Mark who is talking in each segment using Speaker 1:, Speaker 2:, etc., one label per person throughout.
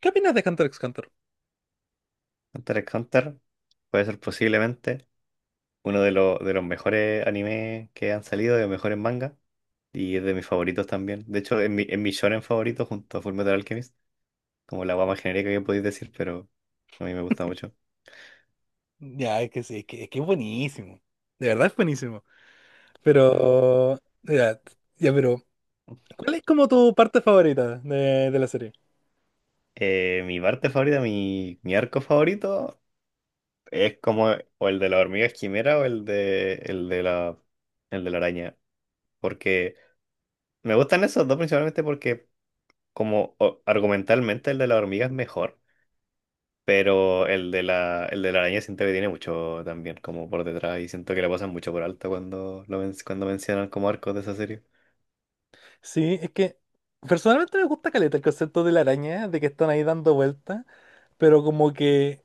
Speaker 1: ¿Qué opinas de Hunter x Hunter?
Speaker 2: Hunter x Hunter puede ser posiblemente uno de los mejores animes que han salido, de los mejores mangas, y es de mis favoritos también. De hecho, es mi shonen favorito junto a Fullmetal Alchemist, como la guama genérica que podéis decir, pero a mí me gusta mucho.
Speaker 1: Ya, es que sí, es que es buenísimo. De verdad es buenísimo. Pero. Ya, ya, pero. ¿Cuál es como tu parte favorita de la serie?
Speaker 2: Mi parte favorita, mi arco favorito es como o el de la hormiga quimera o el de la araña. Porque me gustan esos dos principalmente porque como argumentalmente el de la hormiga es mejor. Pero el de la araña siento que tiene mucho también, como por detrás, y siento que le pasan mucho por alto cuando mencionan como arcos de esa serie.
Speaker 1: Sí, es que. Personalmente me gusta caleta el concepto de la araña, de que están ahí dando vueltas. Pero como que.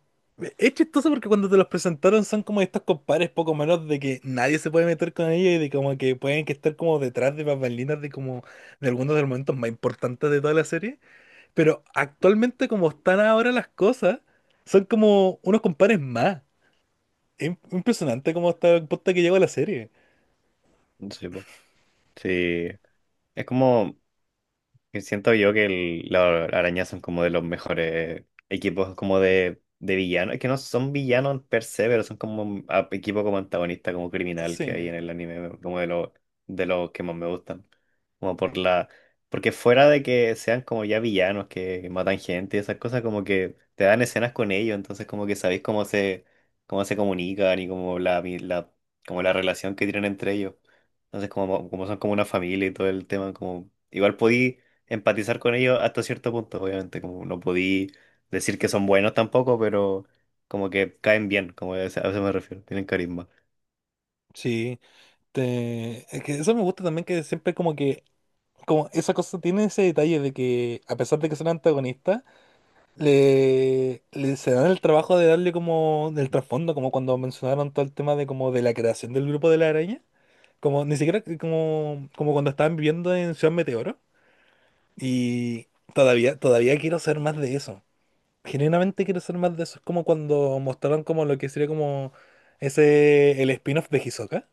Speaker 1: Es chistoso porque cuando te los presentaron son como estos compadres poco menos de que nadie se puede meter con ellos y de como que pueden que estar como detrás de bambalinas de como de algunos de los momentos más importantes de toda la serie. Pero actualmente como están ahora las cosas, son como unos compares más. Es impresionante cómo está el punto que llegó la serie.
Speaker 2: Sí, po. Sí. Es como, que siento yo que las arañas son como de los mejores equipos como de villanos. Es que no son villanos per se, pero son como un equipo como antagonista, como criminal que hay
Speaker 1: Sí,
Speaker 2: en el anime, como de los que más me gustan. Como por la. Porque fuera de que sean como ya villanos que matan gente y esas cosas, como que te dan escenas con ellos, entonces como que sabéis cómo se, comunican y como como la relación que tienen entre ellos. Entonces, como son como una familia y todo el tema, como igual podí empatizar con ellos hasta cierto punto, obviamente, como no podí decir que son buenos tampoco, pero como que caen bien, como a eso me refiero, tienen carisma.
Speaker 1: sí. Es que eso me gusta también que siempre como que, como esa cosa tiene ese detalle de que a pesar de que son antagonistas, le se dan el trabajo de darle como del trasfondo, como cuando mencionaron todo el tema de como de la creación del grupo de la araña. Como ni siquiera como cuando estaban viviendo en Ciudad Meteoro. Y todavía quiero ser más de eso. Genuinamente quiero ser más de eso. Es como cuando mostraron como lo que sería como el spin-off de Hisoka,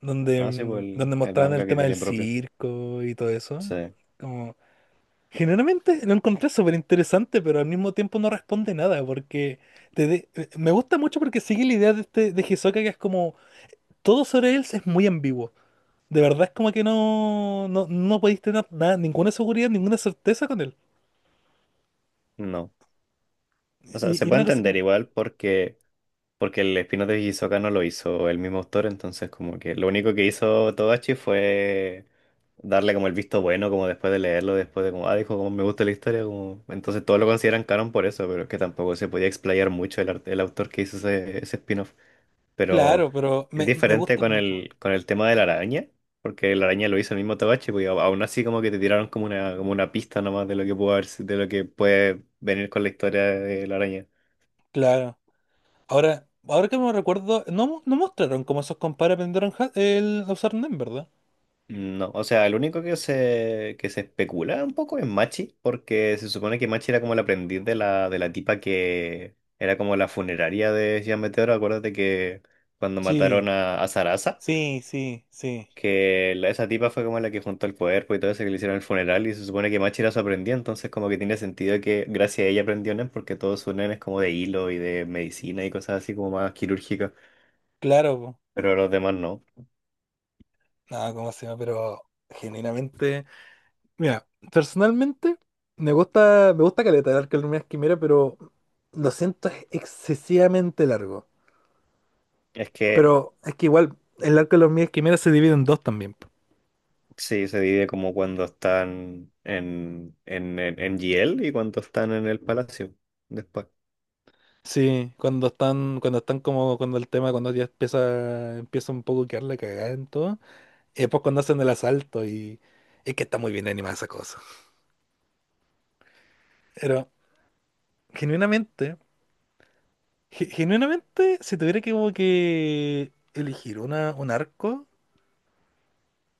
Speaker 1: donde,
Speaker 2: Ah, sí, pues
Speaker 1: mm,
Speaker 2: el,
Speaker 1: donde
Speaker 2: el
Speaker 1: mostraban
Speaker 2: manga
Speaker 1: el
Speaker 2: que
Speaker 1: tema del
Speaker 2: tiene propio.
Speaker 1: circo y todo eso.
Speaker 2: Sí,
Speaker 1: Como, generalmente lo encontré súper interesante, pero al mismo tiempo no responde nada, porque me gusta mucho porque sigue la idea de, este, de Hisoka que es como, todo sobre él es muy ambiguo. De verdad es como que no, no, no podéis tener nada, ninguna seguridad, ninguna certeza con él.
Speaker 2: no. O sea, se
Speaker 1: Y
Speaker 2: puede
Speaker 1: una cosa que,
Speaker 2: entender igual porque el spin-off de Hisoka no lo hizo el mismo autor, entonces como que lo único que hizo Togashi fue darle como el visto bueno, como después de leerlo, después de como, ah, dijo, como me gusta la historia, como. Entonces todos lo consideran canon por eso, pero es que tampoco se podía explayar mucho el autor que hizo ese, spin-off. Pero
Speaker 1: claro, pero
Speaker 2: es
Speaker 1: me
Speaker 2: diferente
Speaker 1: gustan
Speaker 2: con
Speaker 1: mucho.
Speaker 2: el, con el tema de la araña, porque la araña lo hizo el mismo Togashi, pues, y aún así como que te tiraron como una pista nomás de lo que pudo haber, de lo que puede venir con la historia de la araña.
Speaker 1: Claro. Ahora que me recuerdo, no mostraron cómo esos compadres aprendieron el a usar NEM, ¿verdad?
Speaker 2: No, o sea, el único que se, especula un poco es Machi, porque se supone que Machi era como el aprendiz de la, tipa que era como la funeraria de Gian Meteoro, acuérdate que cuando mataron
Speaker 1: Sí,
Speaker 2: a Sarasa.
Speaker 1: sí, sí, sí.
Speaker 2: Que esa tipa fue como la que juntó el cuerpo y todo eso que le hicieron el funeral y se supone que Machi era su aprendiz, entonces como que tiene sentido que gracias a ella aprendió Nen porque todos sus Nen es como de hilo y de medicina y cosas así como más quirúrgicas,
Speaker 1: Claro, po.
Speaker 2: pero los demás no.
Speaker 1: No, cómo se llama, pero genuinamente. Mira, personalmente me gusta caleta el Arca de Luminas Quimera, pero lo siento, es excesivamente largo.
Speaker 2: Es que
Speaker 1: Pero es que igual el Arca de Luminas Quimera se divide en dos también.
Speaker 2: sí, se divide como cuando están en GL y cuando están en el palacio después.
Speaker 1: Sí, cuando están como, cuando el tema, cuando ya empieza un poco a quedar la cagada en todo, y después cuando hacen el asalto y es que está muy bien animada esa cosa. Pero, genuinamente, genuinamente, si tuviera que como que elegir un arco,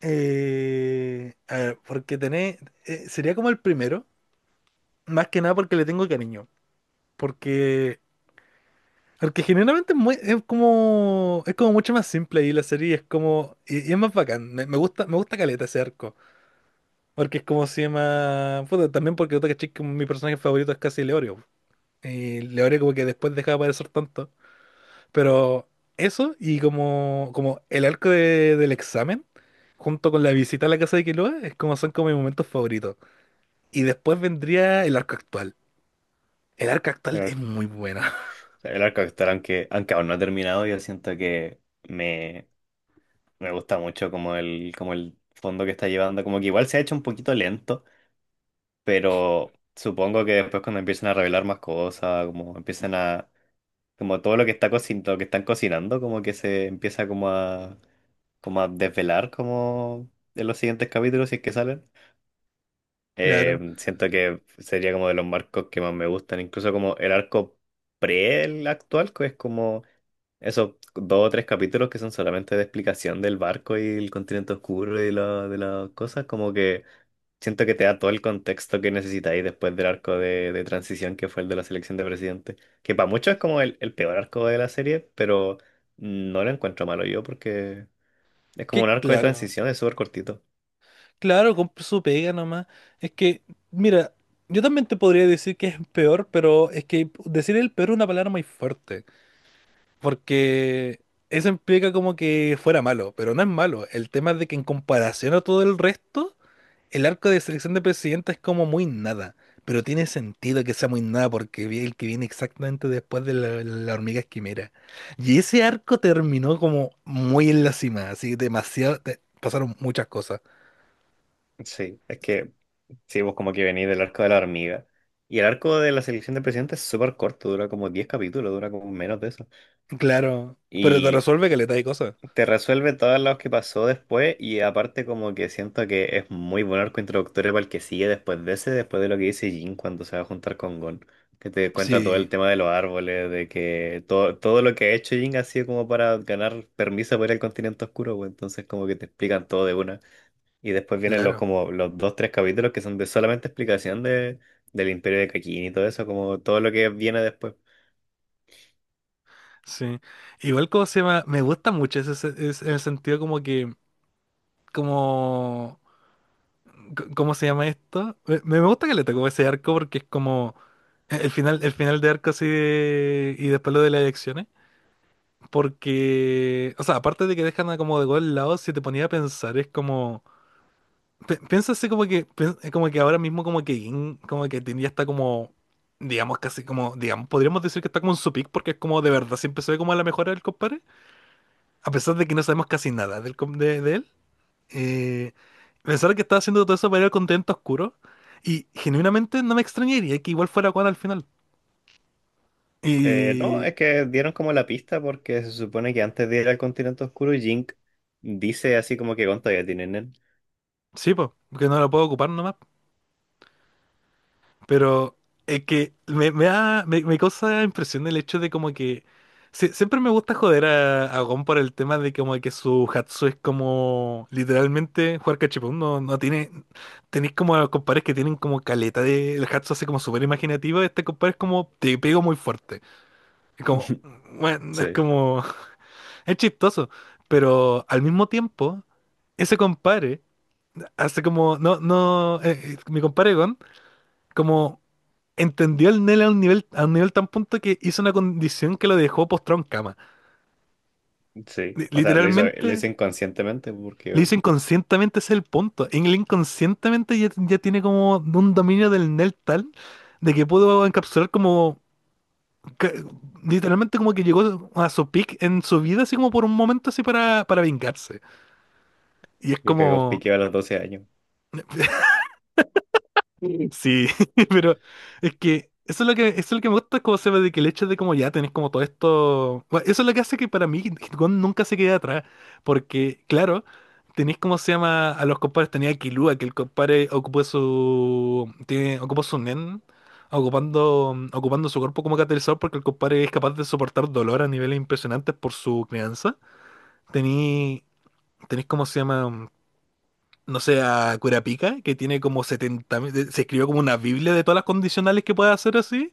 Speaker 1: a ver, porque sería como el primero, más que nada porque le tengo cariño, porque Porque generalmente es, es como mucho más simple y la serie es como y es más bacán. Me gusta caleta ese arco, porque es como se llama, puta, también porque otra que como mi personaje favorito es casi Leorio. Y Leorio como que después dejaba de aparecer tanto, pero eso y como el arco del examen junto con la visita a la casa de Killua es como son como mis momentos favoritos. Y después vendría el arco actual. El arco
Speaker 2: El,
Speaker 1: actual
Speaker 2: ar-
Speaker 1: es muy bueno.
Speaker 2: el arco actoral, aunque aún no ha terminado, yo siento que me, me gusta mucho como el, fondo que está llevando, como que igual se ha hecho un poquito lento, pero supongo que después cuando empiecen a revelar más cosas, como empiezan a, como todo lo que está cocin lo que están cocinando, como que se empieza como a desvelar como en los siguientes capítulos si es que salen.
Speaker 1: Claro.
Speaker 2: Siento que sería como de los marcos que más me gustan, incluso como el arco pre el actual, que es como esos dos o tres capítulos que son solamente de explicación del barco y el continente oscuro y de las cosas, como que siento que te da todo el contexto que necesitáis después del arco de, transición que fue el de la selección de presidente, que para muchos es como el peor arco de la serie, pero no lo encuentro malo yo porque es
Speaker 1: Que
Speaker 2: como un arco de
Speaker 1: claro.
Speaker 2: transición, es súper cortito.
Speaker 1: Claro, compra su pega nomás. Es que, mira, yo también te podría decir que es peor, pero es que decir el peor es una palabra muy fuerte, porque eso implica como que fuera malo, pero no es malo. El tema es de que en comparación a todo el resto, el arco de selección de presidenta es como muy nada, pero tiene sentido que sea muy nada porque el que viene exactamente después de la hormiga quimera. Y ese arco terminó como muy en la cima, así demasiado, pasaron muchas cosas.
Speaker 2: Sí, es que sí, vos como que venís del arco de la hormiga. Y el arco de la selección de presidente es súper corto, dura como 10 capítulos, dura como menos de eso.
Speaker 1: Claro, pero te
Speaker 2: Y
Speaker 1: resuelve que le de cosas.
Speaker 2: te resuelve todo lo que pasó después y aparte como que siento que es muy buen arco introductorio para el que sigue después de ese, después de lo que dice Jin cuando se va a juntar con Gon, que te cuenta todo el
Speaker 1: Sí,
Speaker 2: tema de los árboles, de que todo, todo lo que ha hecho Jin ha sido como para ganar permiso para ir al continente oscuro, pues, entonces como que te explican todo de una. Y después vienen los
Speaker 1: claro,
Speaker 2: como los dos, tres capítulos que son de solamente explicación del Imperio de Kakin y todo eso, como todo lo que viene después.
Speaker 1: sí. Igual como se llama, me gusta mucho ese, en el sentido como que, como, ¿cómo se llama esto? Me gusta que le tocó ese arco porque es como el final, el final de arco así y después lo de las elecciones. Porque, o sea, aparte de que dejan a como de gol lado, si te ponía a pensar, es como... Pienso así como que, como que ahora mismo como que Gin, como que tenía está como, digamos, casi como, digamos, podríamos decir que está como en su peak porque es como de verdad siempre se ve como la mejora del compadre, a pesar de que no sabemos casi nada de él. Eh, Pensar que estaba haciendo todo eso para ir al continente oscuro y genuinamente no me extrañaría que igual fuera Juan al final.
Speaker 2: No,
Speaker 1: Y
Speaker 2: es que dieron como la pista porque se supone que antes de ir al continente oscuro, Jink dice así como que Gon todavía tiene Nen.
Speaker 1: sí, pues, que no lo puedo ocupar nomás. Pero es que me da, me causa impresión el hecho de como que siempre me gusta joder a, Gon por el tema de como que su Hatsu es como literalmente jugar cachipún, no tiene, tenéis como a compadres que tienen como caleta de el Hatsu así como súper imaginativo, este compadre es como te pego muy fuerte. Es como, bueno, es
Speaker 2: Sí,
Speaker 1: como, es chistoso, pero al mismo tiempo, ese compadre hace como, no, no, mi compadre Gon, como entendió al Nel a un nivel, tan punto que hizo una condición que lo dejó postrado en cama.
Speaker 2: sí.
Speaker 1: Li-
Speaker 2: O sea, lo hizo
Speaker 1: Literalmente,
Speaker 2: inconscientemente
Speaker 1: le
Speaker 2: porque
Speaker 1: hizo inconscientemente ese es el punto. En el inconscientemente ya, ya tiene como un dominio del Nel tal de que pudo encapsular como ca- literalmente como que llegó a su peak en su vida así como por un momento así para vengarse. Y es
Speaker 2: vio que Gon
Speaker 1: como
Speaker 2: piqueó a los 12 años.
Speaker 1: Sí, pero es que, eso es lo que me gusta, como se ve de que el hecho de como ya tenés como todo esto. Bueno, eso es lo que hace que para mí Hitcon nunca se quede atrás. Porque, claro, tenés como se llama a los compadres, tenía a Killua, que el compadre ocupó su. Tiene, ocupó su nen, ocupando su cuerpo como catalizador, porque el compadre es capaz de soportar dolor a niveles impresionantes por su crianza. Tení, tenés como se llama no sé, a Curapica, que tiene como 70.000, se escribió como una biblia de todas las condicionales que puede hacer así.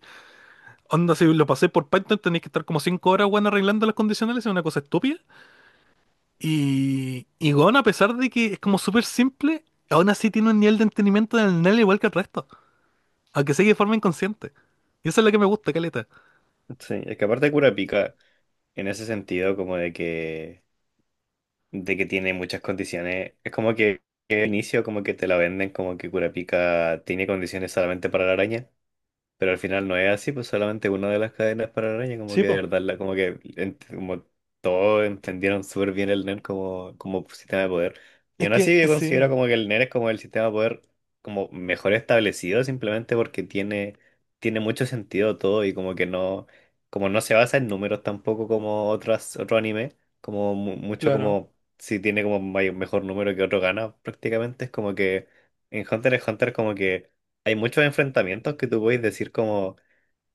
Speaker 1: Onda, si lo pasé por Python, tenéis que estar como 5 horas, weón, arreglando las condicionales, es una cosa estúpida. Y weón, a pesar de que es como súper simple, aún así tiene un nivel de entendimiento del NEL igual que el resto, aunque sea de forma inconsciente. Y eso es lo que me gusta, caleta.
Speaker 2: Sí, es que aparte Kurapika, en ese sentido, como de que, tiene muchas condiciones, es como que al inicio como que te la venden como que Kurapika tiene condiciones solamente para la araña. Pero al final no es así, pues solamente una de las cadenas para la araña, como
Speaker 1: Sí,
Speaker 2: que de
Speaker 1: po.
Speaker 2: verdad, la, como que como todos entendieron súper bien el NER como, sistema de poder. Y
Speaker 1: Es
Speaker 2: aún
Speaker 1: que,
Speaker 2: así yo considero
Speaker 1: sí,
Speaker 2: como que el NER es como el sistema de poder como mejor establecido, simplemente porque tiene mucho sentido todo y como que no, como no se basa en números tampoco como otras, otro anime, como mucho
Speaker 1: claro.
Speaker 2: como si tiene como mejor número que otro gana, prácticamente es como que en Hunter x Hunter como que hay muchos enfrentamientos que tú puedes decir como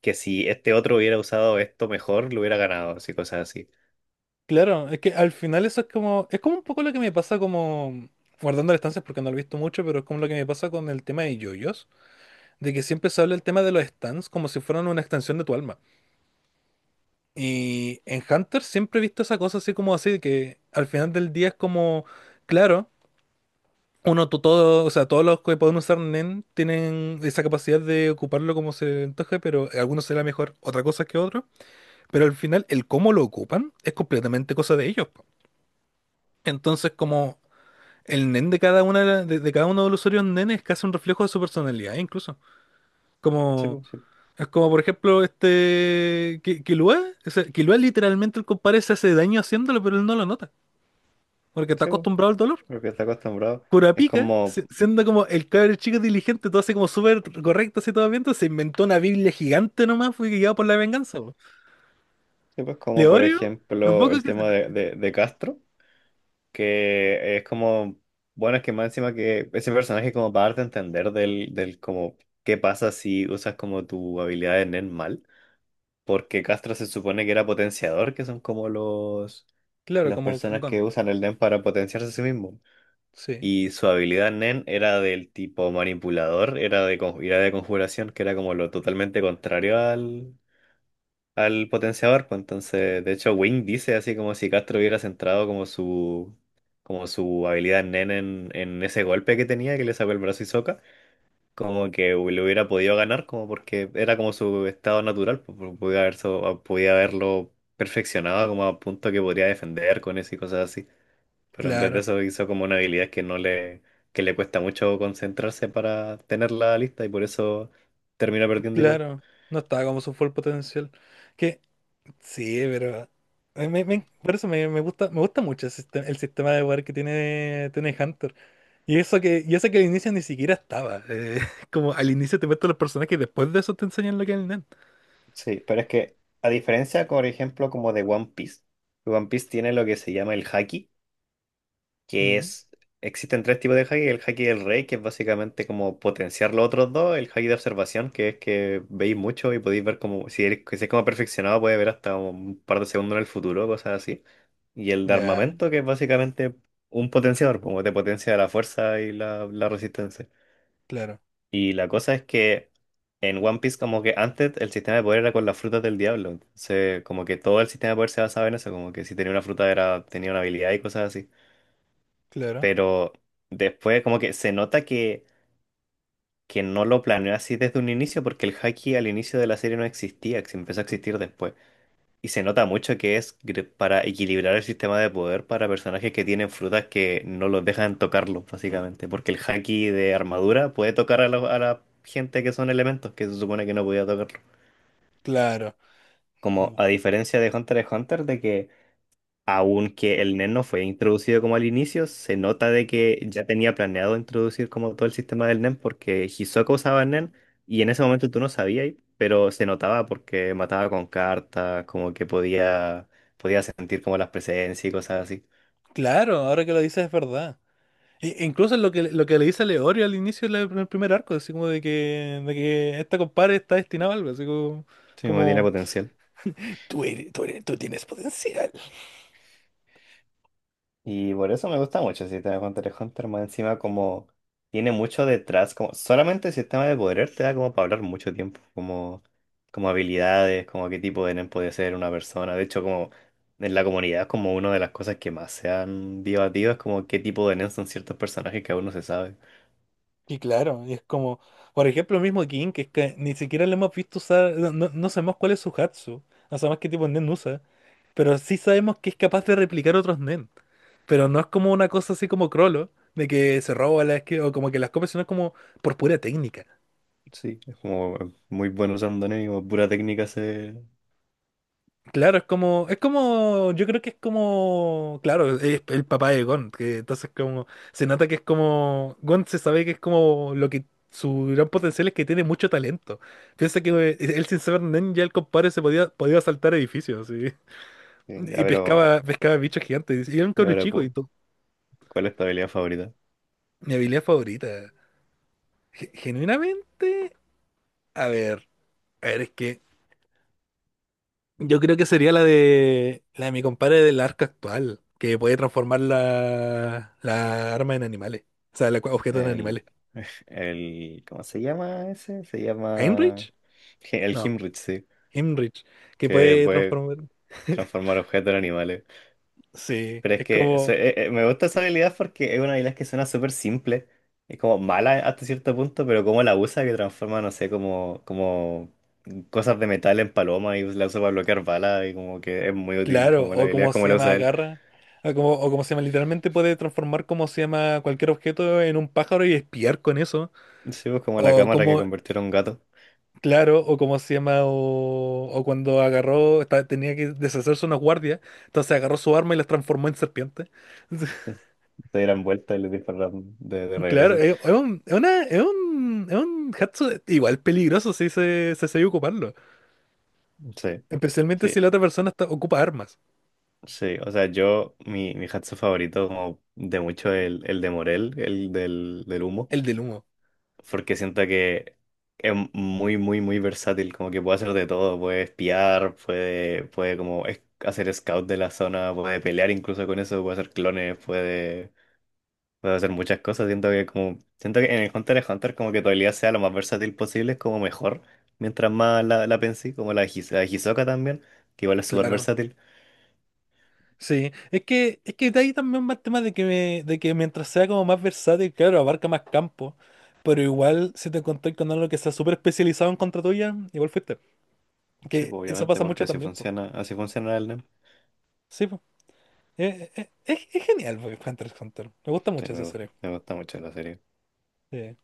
Speaker 2: que si este otro hubiera usado esto mejor, lo hubiera ganado, así cosas así.
Speaker 1: Claro, es que al final eso es como un poco lo que me pasa como, guardando las distancias porque no lo he visto mucho, pero es como lo que me pasa con el tema de yoyos de que siempre se habla el tema de los stands como si fueran una extensión de tu alma. Y en Hunter siempre he visto esa cosa así como así, de que al final del día es como, claro, uno, todo, o sea, todos los que pueden usar NEN tienen esa capacidad de ocuparlo como se antoje, pero a algunos será mejor otra cosa que otro. Pero al final, el cómo lo ocupan es completamente cosa de ellos. Po. Entonces, como el NEN de cada una de cada uno de los usuarios NEN es casi un reflejo de su personalidad, incluso.
Speaker 2: Sí,
Speaker 1: Como.
Speaker 2: pues, sí,
Speaker 1: Es como, por ejemplo, este. Killua. O sea, Killua literalmente el compadre se hace daño haciéndolo, pero él no lo nota. Porque está
Speaker 2: sí, pues,
Speaker 1: acostumbrado al dolor.
Speaker 2: lo que está acostumbrado. Es
Speaker 1: Kurapika,
Speaker 2: como,
Speaker 1: siendo como el cabrón chico diligente, todo así como súper correcto, así todo bien, entonces se inventó una Biblia gigante nomás, fue guiado por la venganza. Po.
Speaker 2: sí, pues, como por
Speaker 1: Leorio, lo
Speaker 2: ejemplo
Speaker 1: poco
Speaker 2: el
Speaker 1: que se.
Speaker 2: tema de, Castro, que es como, bueno, es que más encima que ese personaje como para darte a entender del como qué pasa si usas como tu habilidad de Nen mal, porque Castro se supone que era potenciador, que son como los
Speaker 1: Claro,
Speaker 2: las
Speaker 1: como
Speaker 2: personas que
Speaker 1: Gon.
Speaker 2: usan el Nen para potenciarse a sí mismo.
Speaker 1: Sí.
Speaker 2: Y su habilidad Nen era del tipo manipulador, era de, era de conjuración, que era como lo totalmente contrario al, potenciador. Pues entonces, de hecho, Wing dice así como si Castro hubiera centrado como su, habilidad Nen en ese golpe que tenía, que le sacó el brazo y soca, como que le hubiera podido ganar, como porque era como su estado natural, pues, podía haberlo perfeccionado como a punto que podría defender con eso y cosas así. Pero en vez de
Speaker 1: Claro,
Speaker 2: eso hizo como una habilidad que no le, que le cuesta mucho concentrarse para tenerla lista y por eso termina perdiendo igual.
Speaker 1: claro. No estaba como su full potencial. Que. Sí, pero. Por eso me gusta mucho el sistema, de poder que tiene Hunter. Y eso que al inicio ni siquiera estaba. Como al inicio te muestran los personajes y después de eso te enseñan lo que es el Nen.
Speaker 2: Sí, pero es que a diferencia, por ejemplo, como de One Piece, One Piece tiene lo que se llama el haki, que
Speaker 1: Mm,
Speaker 2: es, existen tres tipos de haki, el haki del rey, que es básicamente como potenciar los otros dos, el haki de observación, que es que veis mucho y podéis ver como, si es como perfeccionado, puede ver hasta un par de segundos en el futuro, cosas así. Y el de
Speaker 1: ya,
Speaker 2: armamento, que es básicamente un potenciador, como te potencia la fuerza y la resistencia.
Speaker 1: claro,
Speaker 2: Y la cosa es que en One Piece, como que antes el sistema de poder era con las frutas del diablo. Entonces, como que todo el sistema de poder se basaba en eso, como que si tenía una fruta era, tenía una habilidad y cosas así.
Speaker 1: claro,
Speaker 2: Pero después como que se nota que no lo planeó así desde un inicio porque el haki al inicio de la serie no existía, que se empezó a existir después. Y se nota mucho que es para equilibrar el sistema de poder para personajes que tienen frutas que no los dejan tocarlo básicamente, porque el haki de armadura puede tocar a la gente que son elementos, que se supone que no podía tocarlo.
Speaker 1: claro.
Speaker 2: Como
Speaker 1: Mm.
Speaker 2: a diferencia de Hunter x Hunter, de que aunque el NEN no fue introducido como al inicio, se nota de que ya tenía planeado introducir como todo el sistema del NEN porque Hisoka usaba NEN y en ese momento tú no sabías, pero se notaba porque mataba con cartas, como que podía sentir como las presencias y cosas así.
Speaker 1: Claro, ahora que lo dices es verdad. Incluso lo que, le dice a Leorio al inicio del primer arco, así como de que esta compadre está destinada a algo, así como,
Speaker 2: Sí, como tiene
Speaker 1: como
Speaker 2: potencial.
Speaker 1: tú tienes potencial.
Speaker 2: Y por eso me gusta mucho el sistema de Hunter x Hunter, más encima como tiene mucho detrás, como solamente el sistema de poder te da como para hablar mucho tiempo, como, habilidades, como qué tipo de nen puede ser una persona. De hecho, como en la comunidad es como una de las cosas que más se han debatido, es como qué tipo de nen son ciertos personajes que aún no se sabe.
Speaker 1: Y claro, y es como, por ejemplo, el mismo King, que es que ni siquiera le hemos visto usar, no sabemos cuál es su Hatsu, no sabemos qué tipo de Nen usa. Pero sí sabemos que es capaz de replicar otros Nen. Pero no es como una cosa así como Crollo, de que se roba las que, o como que las copia, sino es como por pura técnica.
Speaker 2: Sí, es como muy bueno usando nen y como pura técnica se.
Speaker 1: Claro, es como, yo creo que es como, claro, es el papá de Gon, que entonces como, se nota que es como, Gon se sabe que es como lo que, su gran potencial es que tiene mucho talento. Piensa que él sin saber Nen ya el compadre podía, saltar edificios, sí.
Speaker 2: Ya,
Speaker 1: Y
Speaker 2: pero,
Speaker 1: pescaba bichos gigantes, y era un
Speaker 2: ya,
Speaker 1: cabrón
Speaker 2: pero,
Speaker 1: chico, y
Speaker 2: ¿cu-
Speaker 1: todo
Speaker 2: ¿cuál es tu habilidad favorita?
Speaker 1: mi habilidad favorita. Genuinamente, a ver, a ver, es que yo creo que sería la de mi compadre del arca actual, que puede transformar la arma en animales, o sea, el objeto en animales.
Speaker 2: El, el, ¿cómo se llama ese? Se llama
Speaker 1: ¿Heinrich?
Speaker 2: el
Speaker 1: No,
Speaker 2: Himrich, sí,
Speaker 1: Heinrich, que
Speaker 2: que
Speaker 1: puede
Speaker 2: puede
Speaker 1: transformar.
Speaker 2: transformar objetos en animales.
Speaker 1: Sí,
Speaker 2: Pero es
Speaker 1: es
Speaker 2: que
Speaker 1: como,
Speaker 2: me gusta esa habilidad porque es una habilidad que suena súper simple. Es como mala hasta cierto punto, pero como la usa que transforma, no sé, como, cosas de metal en paloma y la usa para bloquear balas y como que es muy útil
Speaker 1: claro,
Speaker 2: como la
Speaker 1: o
Speaker 2: habilidad
Speaker 1: como
Speaker 2: como
Speaker 1: se
Speaker 2: la
Speaker 1: llama
Speaker 2: usa él.
Speaker 1: garra, o como se llama, literalmente puede transformar como se llama cualquier objeto en un pájaro y espiar con eso.
Speaker 2: Sí, pues como la
Speaker 1: O
Speaker 2: cámara que
Speaker 1: como
Speaker 2: convirtió en un gato.
Speaker 1: Claro, o como se llama, o cuando agarró, tenía que deshacerse unos guardias, entonces agarró su arma y las transformó en serpiente.
Speaker 2: Sí. Se dieran vuelta y le dispararan de,
Speaker 1: Claro,
Speaker 2: regreso.
Speaker 1: es un, es una- es un hatsu igual peligroso si se sabe ocuparlo,
Speaker 2: Sí.
Speaker 1: especialmente si
Speaker 2: Sí,
Speaker 1: la otra persona ocupa armas,
Speaker 2: sí, o sea, yo, mi hatsu favorito como de mucho es el, de Morel, el del humo,
Speaker 1: el del humo,
Speaker 2: porque siento que es muy, muy, muy versátil, como que puede hacer de todo, puede espiar, puede, como hacer scout de la zona, puede pelear incluso con eso, puede hacer clones, puede hacer muchas cosas, siento que como, siento que en el Hunter x Hunter como que tu habilidad sea lo más versátil posible, es como mejor, mientras más la pensé, como la Hisoka también, que igual es súper
Speaker 1: claro.
Speaker 2: versátil.
Speaker 1: Sí, es que, de ahí también va el tema de que, de que mientras sea como más versátil, claro, abarca más campo, pero igual si te encontrás con algo que sea súper especializado en contra tuya, igual fuiste.
Speaker 2: Sí,
Speaker 1: Que
Speaker 2: pues
Speaker 1: eso
Speaker 2: obviamente,
Speaker 1: pasa
Speaker 2: porque
Speaker 1: mucho también,
Speaker 2: así funciona el NEM.
Speaker 1: sí, pues. Es, es genial, pues, Hunter x Hunter. Me gusta
Speaker 2: Sí,
Speaker 1: mucho
Speaker 2: me
Speaker 1: esa
Speaker 2: gusta,
Speaker 1: serie.
Speaker 2: me gusta mucho la serie.
Speaker 1: Sí.